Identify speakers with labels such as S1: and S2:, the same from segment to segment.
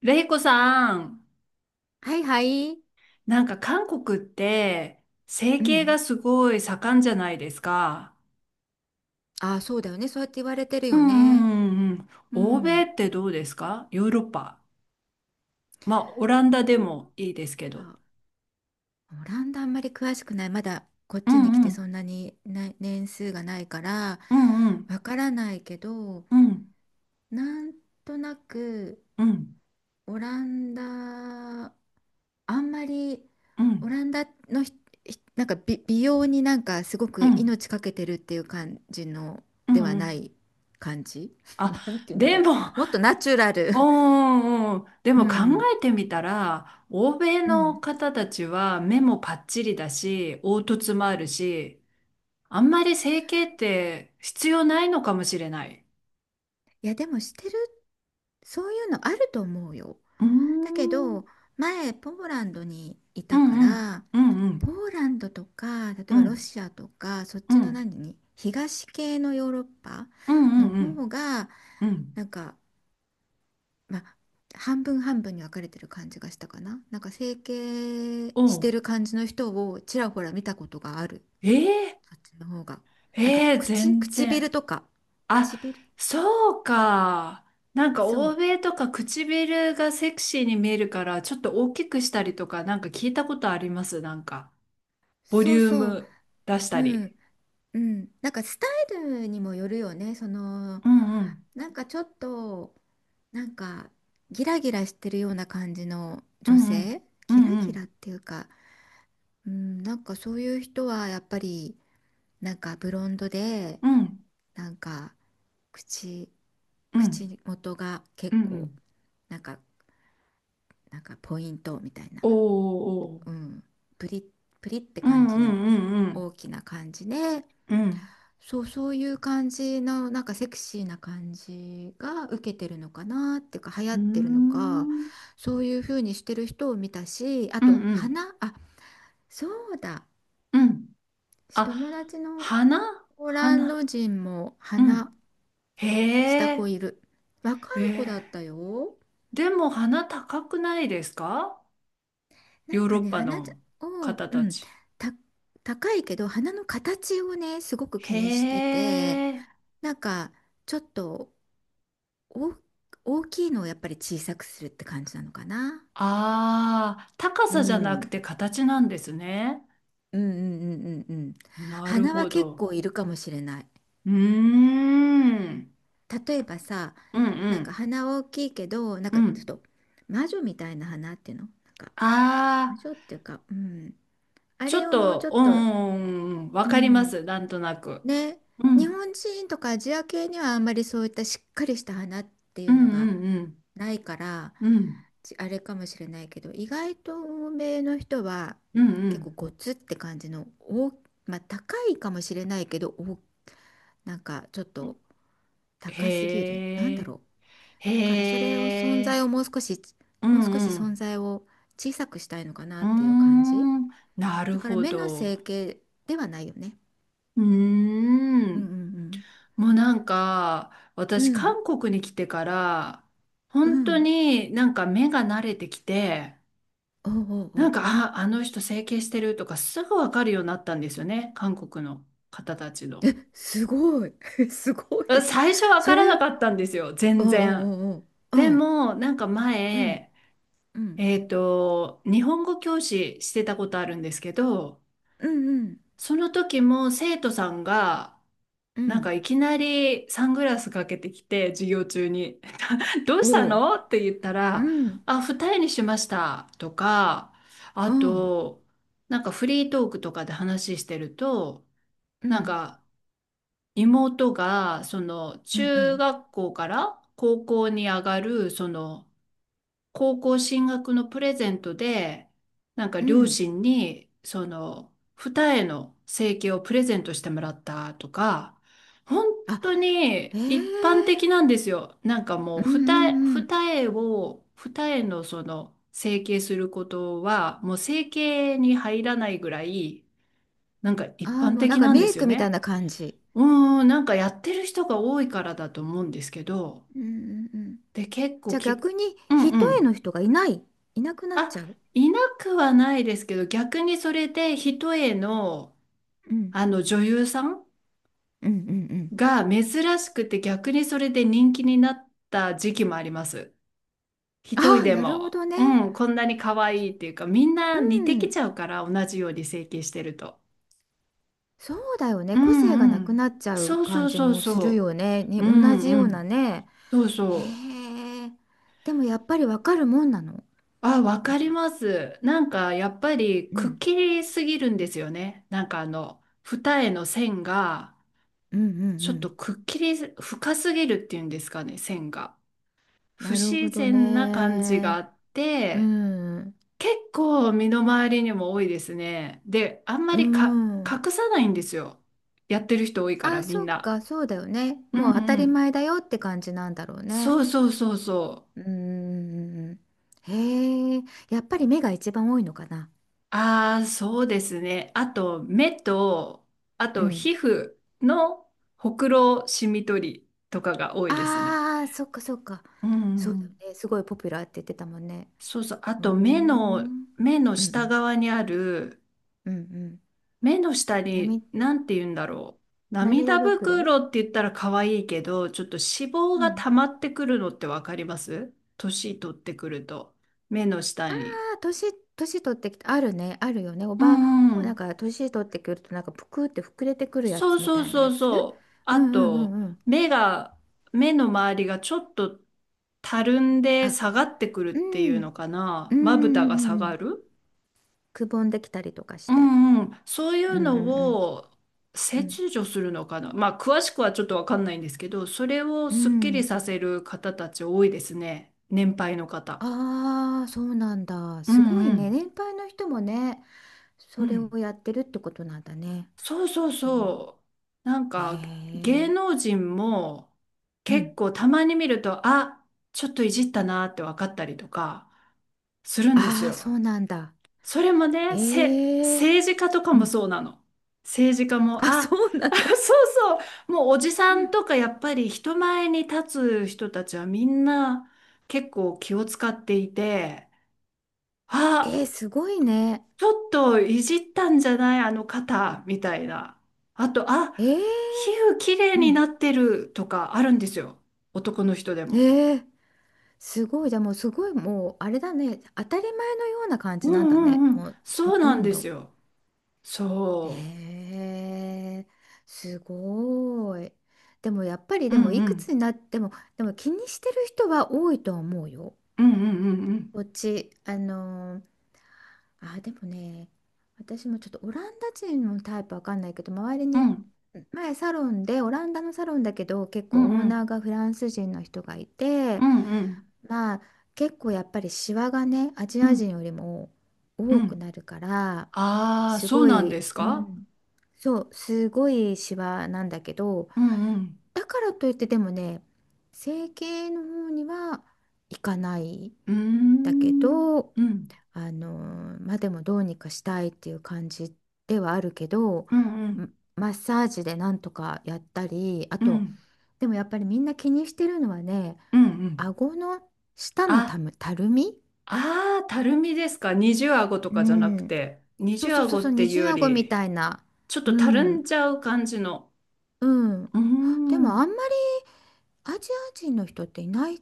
S1: レイコさん、
S2: はいはい。
S1: なんか韓国って整
S2: う
S1: 形
S2: ん。
S1: がすごい盛んじゃないですか。
S2: ああ、そうだよね。そうやって言われてる
S1: うん
S2: よ
S1: う
S2: ね。
S1: んうんうん。
S2: う
S1: 欧米
S2: ん。
S1: ってどうですかヨーロッパ。まあ、オランダでもいいですけど。
S2: あ、オランダあんまり詳しくない。まだこっ
S1: う
S2: ちに来
S1: んう
S2: てそ
S1: ん。
S2: んなに年数がないから
S1: うんうん
S2: わからないけど、
S1: うん
S2: なんとなく
S1: うん
S2: オランダ、あんまり
S1: う
S2: オ
S1: ん
S2: ランダのなんか美容になんかすご
S1: う
S2: く
S1: ん
S2: 命かけてるっていう感じの
S1: うん
S2: では
S1: う
S2: な
S1: ん。
S2: い感じ。
S1: あ、
S2: なんて言うんだ
S1: で
S2: ろ
S1: も、
S2: う。もっとナチュラル。
S1: うんうんうん。で
S2: う
S1: も考
S2: ん。
S1: えてみたら、欧米
S2: う
S1: の
S2: ん。
S1: 方たちは目もパッチリだし、凹凸もあるし、あんまり整形って必要ないのかもしれない。
S2: いや、でもしてる、そういうのあると思うよ。
S1: うー
S2: だけ
S1: ん。
S2: ど、前、ポーランドにい
S1: う
S2: たか
S1: んうん。
S2: ら、
S1: うんう
S2: ポ
S1: ん。
S2: ーランドとか、例え
S1: う
S2: ばロ
S1: ん
S2: シアとか、そっ
S1: う
S2: ちの
S1: ん。
S2: 東系のヨーロッパ
S1: うんう
S2: の
S1: んうん。
S2: 方が、
S1: うん
S2: なんか、まあ、半分半分に分かれてる感じがしたかな。なんか整形
S1: お
S2: して
S1: う
S2: る感じの人をちらほら見たことがある。
S1: えー、
S2: あっちの方が。なんか
S1: ええ全
S2: 唇
S1: 然。
S2: とか。
S1: あ、
S2: 唇
S1: そうか。なんか
S2: そ
S1: 欧
S2: う。
S1: 米とか唇がセクシーに見えるからちょっと大きくしたりとかなんか聞いたことあります。なんかボリ
S2: そう
S1: ュー
S2: そう。
S1: ム出した
S2: う
S1: り。
S2: ん。うん、なんかスタイルにもよるよね。その
S1: うんうん。
S2: なんかちょっとなんかギラギラしてるような感じの
S1: う
S2: 女
S1: んうん。
S2: 性、
S1: う
S2: ギラ
S1: んう
S2: ギラ
S1: ん。
S2: っていうか、うん、なんかそういう人はやっぱりなんかブロンドで
S1: うん
S2: なんか口
S1: うん。
S2: 口元が
S1: う
S2: 結
S1: んう
S2: 構
S1: ん。
S2: なんかなんかポイントみたいな、
S1: おーお
S2: う
S1: ー
S2: ん、プリップリって
S1: う
S2: 感
S1: んう
S2: じの
S1: んうん
S2: 大きな感じで。
S1: うん。うん。
S2: そう、そういう感じの、なんかセクシーな感じが受けてるのかなっていうか、流行
S1: うー
S2: ってるのか、
S1: ん。
S2: そういう風にしてる人を見たし、あ
S1: うん
S2: と、
S1: うん
S2: あ、そうだ、
S1: うん。あ、
S2: 友達の
S1: 花
S2: ポーランド
S1: 花。
S2: 人も
S1: うん。
S2: 花した
S1: へ
S2: 子
S1: え。
S2: いる。若
S1: え
S2: い子だった
S1: え。
S2: よ。
S1: でも花高くないですか
S2: な
S1: ヨ
S2: ん
S1: ー
S2: か
S1: ロッ
S2: ね、
S1: パ
S2: 花じゃ
S1: の
S2: を、
S1: 方
S2: う
S1: た
S2: ん、
S1: ち。
S2: た、高いけど、花の形をね、すごく気にして
S1: へ
S2: て、
S1: え。
S2: なんか、ちょっと、お、大きいのをやっぱり小さくするって感じなのかな。
S1: ああ、高
S2: う
S1: さじゃなく
S2: ん。
S1: て形なんですね。
S2: うんうんうんうんうん。
S1: なる
S2: 花は
S1: ほ
S2: 結
S1: ど。
S2: 構いるかもしれない。
S1: うーん。
S2: 例えばさ、
S1: うんう
S2: なんか
S1: ん。
S2: 花は大きいけど、なん
S1: う
S2: かちょっ
S1: ん。
S2: と魔女みたいな花っていうのなんか
S1: あ
S2: 魔女
S1: あ。
S2: っていうか、うん。あ
S1: ちょ
S2: れ
S1: っ
S2: をもうち
S1: と、
S2: ょ
S1: う
S2: っと、
S1: んうんうん、わ
S2: う
S1: かりま
S2: ん。
S1: す、なんとなく。
S2: ね、
S1: う
S2: 日
S1: ん、
S2: 本人とかアジア系にはあんまりそういったしっかりした花ってい
S1: う
S2: う
S1: ん、
S2: の
S1: う
S2: が
S1: ん、
S2: ないから、
S1: うん、うん、
S2: あれかもしれないけど意外と欧米の人は
S1: う
S2: 結構
S1: ん、
S2: ゴツって感じのまあ高いかもしれないけどおなんかちょっ
S1: う
S2: と
S1: ん。
S2: 高すぎるなん
S1: へ
S2: だ
S1: え、
S2: ろう
S1: へ
S2: だからそれを存在を
S1: え、
S2: もう少し
S1: う
S2: もう少し
S1: ん、う
S2: 存
S1: ん、
S2: 在を小さくしたいのか
S1: う
S2: なっ
S1: ー
S2: ていう感じ
S1: ん、なる
S2: だから
S1: ほ
S2: 目の
S1: ど。
S2: 整形ではないよね。
S1: うー
S2: うんう
S1: ん、
S2: ん
S1: もうなんか、
S2: う
S1: 私、
S2: ん
S1: 韓国に来てから、
S2: うん
S1: 本
S2: う
S1: 当
S2: ん
S1: になんか目が慣れてきて、
S2: おうおう
S1: な
S2: お
S1: ん
S2: う
S1: か、あ、あの人整形してるとかすぐわかるようになったんですよね、韓国の方たちの。
S2: えすごい すご
S1: うん、
S2: い
S1: 最初わか
S2: そ
S1: ら
S2: れ
S1: な
S2: を
S1: かったんですよ、
S2: お
S1: 全
S2: うおう
S1: 然。
S2: おうおうう
S1: で
S2: ん
S1: も、なんか
S2: うん
S1: 前、
S2: うん、
S1: 日本語教師してたことあるんですけど、
S2: うん、
S1: その時も生徒さんが、
S2: うん、う
S1: なんか
S2: ん、
S1: いきなりサングラスかけてきて、授業中に、どうした
S2: おう、
S1: のって言った
S2: う
S1: ら、
S2: ん、
S1: あ、二重にしましたとか、あ
S2: おう、
S1: と、なんかフリートークとかで話してると、
S2: う
S1: なん
S2: ん、
S1: か、妹が、その、
S2: うん、う
S1: 中
S2: ん、
S1: 学校から高校に上がる、その、高校進学のプレゼントで、なんか
S2: う
S1: 両
S2: ん、
S1: 親に、その、二重の整形をプレゼントしてもらったとか、本当
S2: あ、
S1: に
S2: え
S1: 一般
S2: え
S1: 的なんですよ。なんかも
S2: う
S1: う、
S2: ん、
S1: 二重、
S2: うん、うん、
S1: 二重を、二重のその、整形することは、もう整形に入らないぐらい、なんか一
S2: ああ、
S1: 般
S2: もうなん
S1: 的
S2: か
S1: なんで
S2: メイ
S1: すよ
S2: クみたい
S1: ね。
S2: な感じ。
S1: うーん、なんかやってる人が多いからだと思うんですけど、
S2: うん、うん、うん。
S1: で、結構
S2: じゃあ
S1: 聞
S2: 逆
S1: く。
S2: に、
S1: うん
S2: 一
S1: う
S2: 重
S1: ん。
S2: の人がいなくなっ
S1: あ、
S2: ちゃう。
S1: いなくはないですけど、逆にそれで一重の、
S2: うん、
S1: あの女優さん
S2: うん、うん、うん。
S1: が珍しくて逆にそれで人気になった時期もあります。一重
S2: ああ、
S1: で
S2: なるほ
S1: も。
S2: どね。
S1: うん、こんなに可愛いっていうか、みんな
S2: う
S1: 似てき
S2: ん、
S1: ちゃうから、同じように整形してると。
S2: そうだよ
S1: う
S2: ね。個性が
S1: んう
S2: なく
S1: ん。
S2: なっちゃう
S1: そうそ
S2: 感
S1: う
S2: じ
S1: そう
S2: もする
S1: そ
S2: よね。
S1: う。う
S2: 同
S1: ん
S2: じ
S1: う
S2: ような
S1: ん。
S2: ね。
S1: そうそう。
S2: へえ。でもやっぱりわかるもんなの。
S1: あ、わ
S2: なん
S1: かり
S2: か
S1: ます。なんかやっぱり
S2: う
S1: くっ
S2: ん
S1: きりすぎるんですよね。なんかあの二重の線が
S2: うんうんう
S1: ちょっと
S2: ん。
S1: くっきり深すぎるっていうんですかね、線が。不
S2: なるほ
S1: 自
S2: ど
S1: 然な感じがあ
S2: ね。
S1: っ
S2: う
S1: て、
S2: ん。
S1: 結構身の回りにも多いですね。で、あんま
S2: う
S1: り
S2: ん。
S1: 隠さないんですよ。やってる人多いから
S2: あ、
S1: み
S2: そ
S1: ん
S2: っ
S1: な。
S2: か、そうだよね。
S1: うん
S2: もう当た
S1: う
S2: り
S1: ん。
S2: 前だよって感じなんだろうね。
S1: そうそうそうそう。
S2: うん。へえ、やっぱり目が一番多いのかな。
S1: ああ、そうですね。あと、目と、あ
S2: う
S1: と、
S2: ん。
S1: 皮膚のほくろシミ取りとかが多いですね。
S2: ああ、そっかそっか。
S1: うんうん
S2: そう
S1: う
S2: だよ
S1: ん。
S2: ね。すごいポピュラーって言ってたもんね。
S1: そうそう。あ
S2: うーん。
S1: と、目
S2: う
S1: の、
S2: ん
S1: 目の
S2: う
S1: 下
S2: ん。
S1: 側にある、
S2: うんうん。
S1: 目の下
S2: な
S1: に、
S2: み
S1: なんて言うんだろう。涙
S2: 涙袋
S1: 袋って言ったら可愛いけど、ちょっと脂肪
S2: う
S1: が
S2: ん。
S1: 溜まってくるのってわかります年取ってくると。目の下
S2: ま
S1: に。
S2: あ年取ってきて、あるね、あるよね。
S1: うんう
S2: なん
S1: ん。
S2: か年取ってくると、なんかぷくって膨れてくるや
S1: そう
S2: つみ
S1: そう
S2: たいな
S1: そ
S2: や
S1: う
S2: つ。
S1: そう。
S2: う
S1: あ
S2: んうんう
S1: と、
S2: んうん。
S1: 目が、目の周りがちょっとたるんで
S2: あ、
S1: 下がってくるっ
S2: う
S1: てい
S2: ん、
S1: うのか
S2: う
S1: な。
S2: んうんう
S1: まぶたが下
S2: んう
S1: が
S2: ん。
S1: る。
S2: くぼんできたりとかし
S1: う
S2: て。
S1: んうん。そうい
S2: う
S1: う
S2: んう
S1: の
S2: ん
S1: を
S2: うん。うん。
S1: 切除するのかな。まあ、詳しくはちょっとわかんないんですけど、それを
S2: う
S1: すっきり
S2: ん。
S1: させる方たち多いですね。年配の方。
S2: ああ、そうなんだ。
S1: う
S2: すご
S1: ん
S2: い
S1: う
S2: ね。
S1: ん。
S2: 年配の人もね、
S1: う
S2: それ
S1: ん。
S2: をやってるってことなんだね。
S1: そうそう
S2: うん
S1: そう。なん
S2: へ
S1: か芸
S2: え。
S1: 能人も
S2: う
S1: 結
S2: ん。
S1: 構たまに見ると、あ、ちょっといじったなって分かったりとかするんです
S2: ああ、そ
S1: よ。
S2: うなんだ。
S1: それもね、
S2: ええ。
S1: 政治家とか
S2: う
S1: も
S2: ん。
S1: そうなの。政治家も、
S2: あ、そ
S1: あ、
S2: うな の。
S1: あそうそう。もうおじさんとかやっぱり人前に立つ人たちはみんな結構気を使っていて、
S2: え
S1: あ、
S2: ー、すごいね。
S1: ちょっといじったんじゃないあの肩みたいな。あと、あ、
S2: えー、
S1: 皮膚きれい
S2: う
S1: に
S2: ん。
S1: なってるとかあるんですよ。男の人で
S2: え
S1: も。
S2: ー、すごい。じゃあもうすごい、もうあれだね。当たり前のような感
S1: う
S2: じ
S1: ん
S2: なんだ
S1: う
S2: ね。
S1: んうん。
S2: もうほ
S1: そうな
S2: と
S1: ん
S2: ん
S1: です
S2: ど。
S1: よ。そ
S2: えー、すごい。でもやっぱり、
S1: う。う
S2: で
S1: ん
S2: もい
S1: う
S2: くつ
S1: ん。
S2: になっても、でも気にしてる人は多いと思うよ。
S1: うんうんうんうん。
S2: こっち、あ、でもね、私もちょっとオランダ人のタイプわかんないけど、周り
S1: う
S2: に
S1: ん
S2: 前サロンで、オランダのサロンだけど、結
S1: う
S2: 構オーナ
S1: ん
S2: ーがフランス人の人がい
S1: う
S2: て、
S1: んうん
S2: まあ結構やっぱりシワがね、アジ
S1: う
S2: ア人
S1: ん
S2: よりも
S1: う
S2: 多く
S1: ん。
S2: なるから、
S1: ああー、
S2: す
S1: そう
S2: ご
S1: なんで
S2: い、
S1: す
S2: う
S1: か
S2: ん、そう、すごいシワなんだけど、
S1: うんうん。
S2: だからといってでもね、整形の方には行かない。
S1: うー
S2: だけ
S1: ん。
S2: ど、
S1: うん
S2: あのまあでもどうにかしたいっていう感じではあるけど
S1: うんうん
S2: んマッサージでなんとかやったりあ
S1: う
S2: と
S1: ん
S2: でもやっぱりみんな気にしてるのはね
S1: うんうん。
S2: 顎の下の
S1: あ
S2: たるみ
S1: ああ、たるみですか。二重顎と
S2: う
S1: かじゃなく
S2: ん
S1: て。二
S2: そう
S1: 重
S2: そうそう
S1: 顎
S2: そう
S1: って
S2: 二
S1: いう
S2: 重
S1: よ
S2: 顎み
S1: り、
S2: たいな
S1: ちょっ
S2: う
S1: とたる
S2: ん
S1: んじゃう感じの。
S2: うん
S1: うー
S2: でもあ
S1: ん。
S2: んまりアジア人の人っていない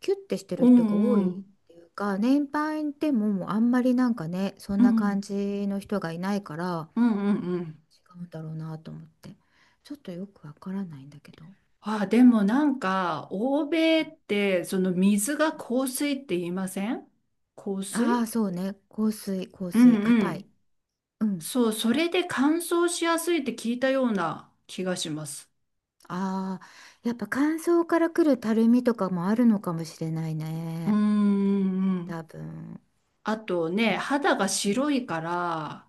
S2: キュッてして
S1: う
S2: る人が多
S1: んう
S2: いっ
S1: ん。
S2: ていうか年配でももうあんまりなんかねそ
S1: う
S2: んな感
S1: ん。
S2: じの人がいないから
S1: うんうんうん。
S2: 違うんだろうなと思って。ちょっとよくわからないんだけど。
S1: あでもなんか、欧米って、その水が硬水って言いません、硬
S2: あ
S1: 水、
S2: あ、そうね。香水、香
S1: うん
S2: 水、
S1: う
S2: 硬い。
S1: ん。
S2: うん。
S1: そう、それで乾燥しやすいって聞いたような気がします。
S2: ああ、やっぱ乾燥からくるたるみとかもあるのかもしれない
S1: うー
S2: ね。
S1: んうん。
S2: 多分。
S1: あとね、肌が白いから、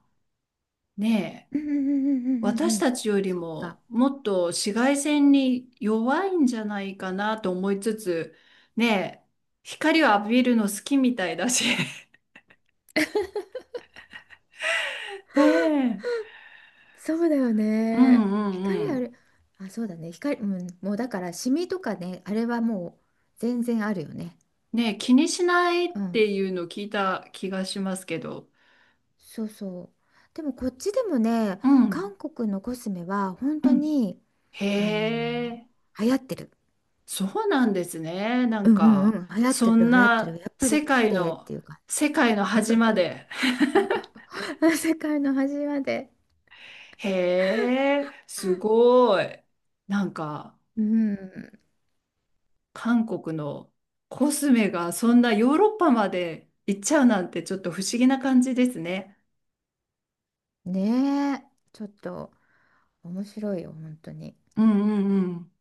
S1: ね
S2: うん
S1: え、
S2: うんうんうんうん
S1: 私
S2: うん。
S1: たちより
S2: そっか。
S1: ももっと紫外線に弱いんじゃないかなと思いつつ、ねえ、光を浴びるの好きみたいだし。ね
S2: そうだよ
S1: え。う
S2: ね。
S1: んうんう
S2: 光あ
S1: ん。
S2: る。あ、そうだね。光、うん、もうだからシミとかね、あれはもう全然あるよね。
S1: ねえ、気にしないっ
S2: うん
S1: ていうの聞いた気がしますけど。
S2: そうそうでもこっちでもね
S1: うん
S2: 韓国のコスメは本
S1: う
S2: 当
S1: ん
S2: にあの
S1: へえ、
S2: 流行ってる
S1: そうなんですね。な
S2: う
S1: ん
S2: んうんう
S1: か、
S2: ん流行って
S1: そ
S2: る
S1: ん
S2: 流行ってる
S1: な
S2: やっぱり
S1: 世
S2: 綺
S1: 界
S2: 麗っ
S1: の、
S2: ていうか
S1: 世界の端まで。
S2: 世界の端まで
S1: へえ、すごい。なんか、
S2: うん
S1: 韓国のコスメがそんなヨーロッパまで行っちゃうなんてちょっと不思議な感じですね。
S2: ねえちょっと面白いよ本当に
S1: うんうんうん。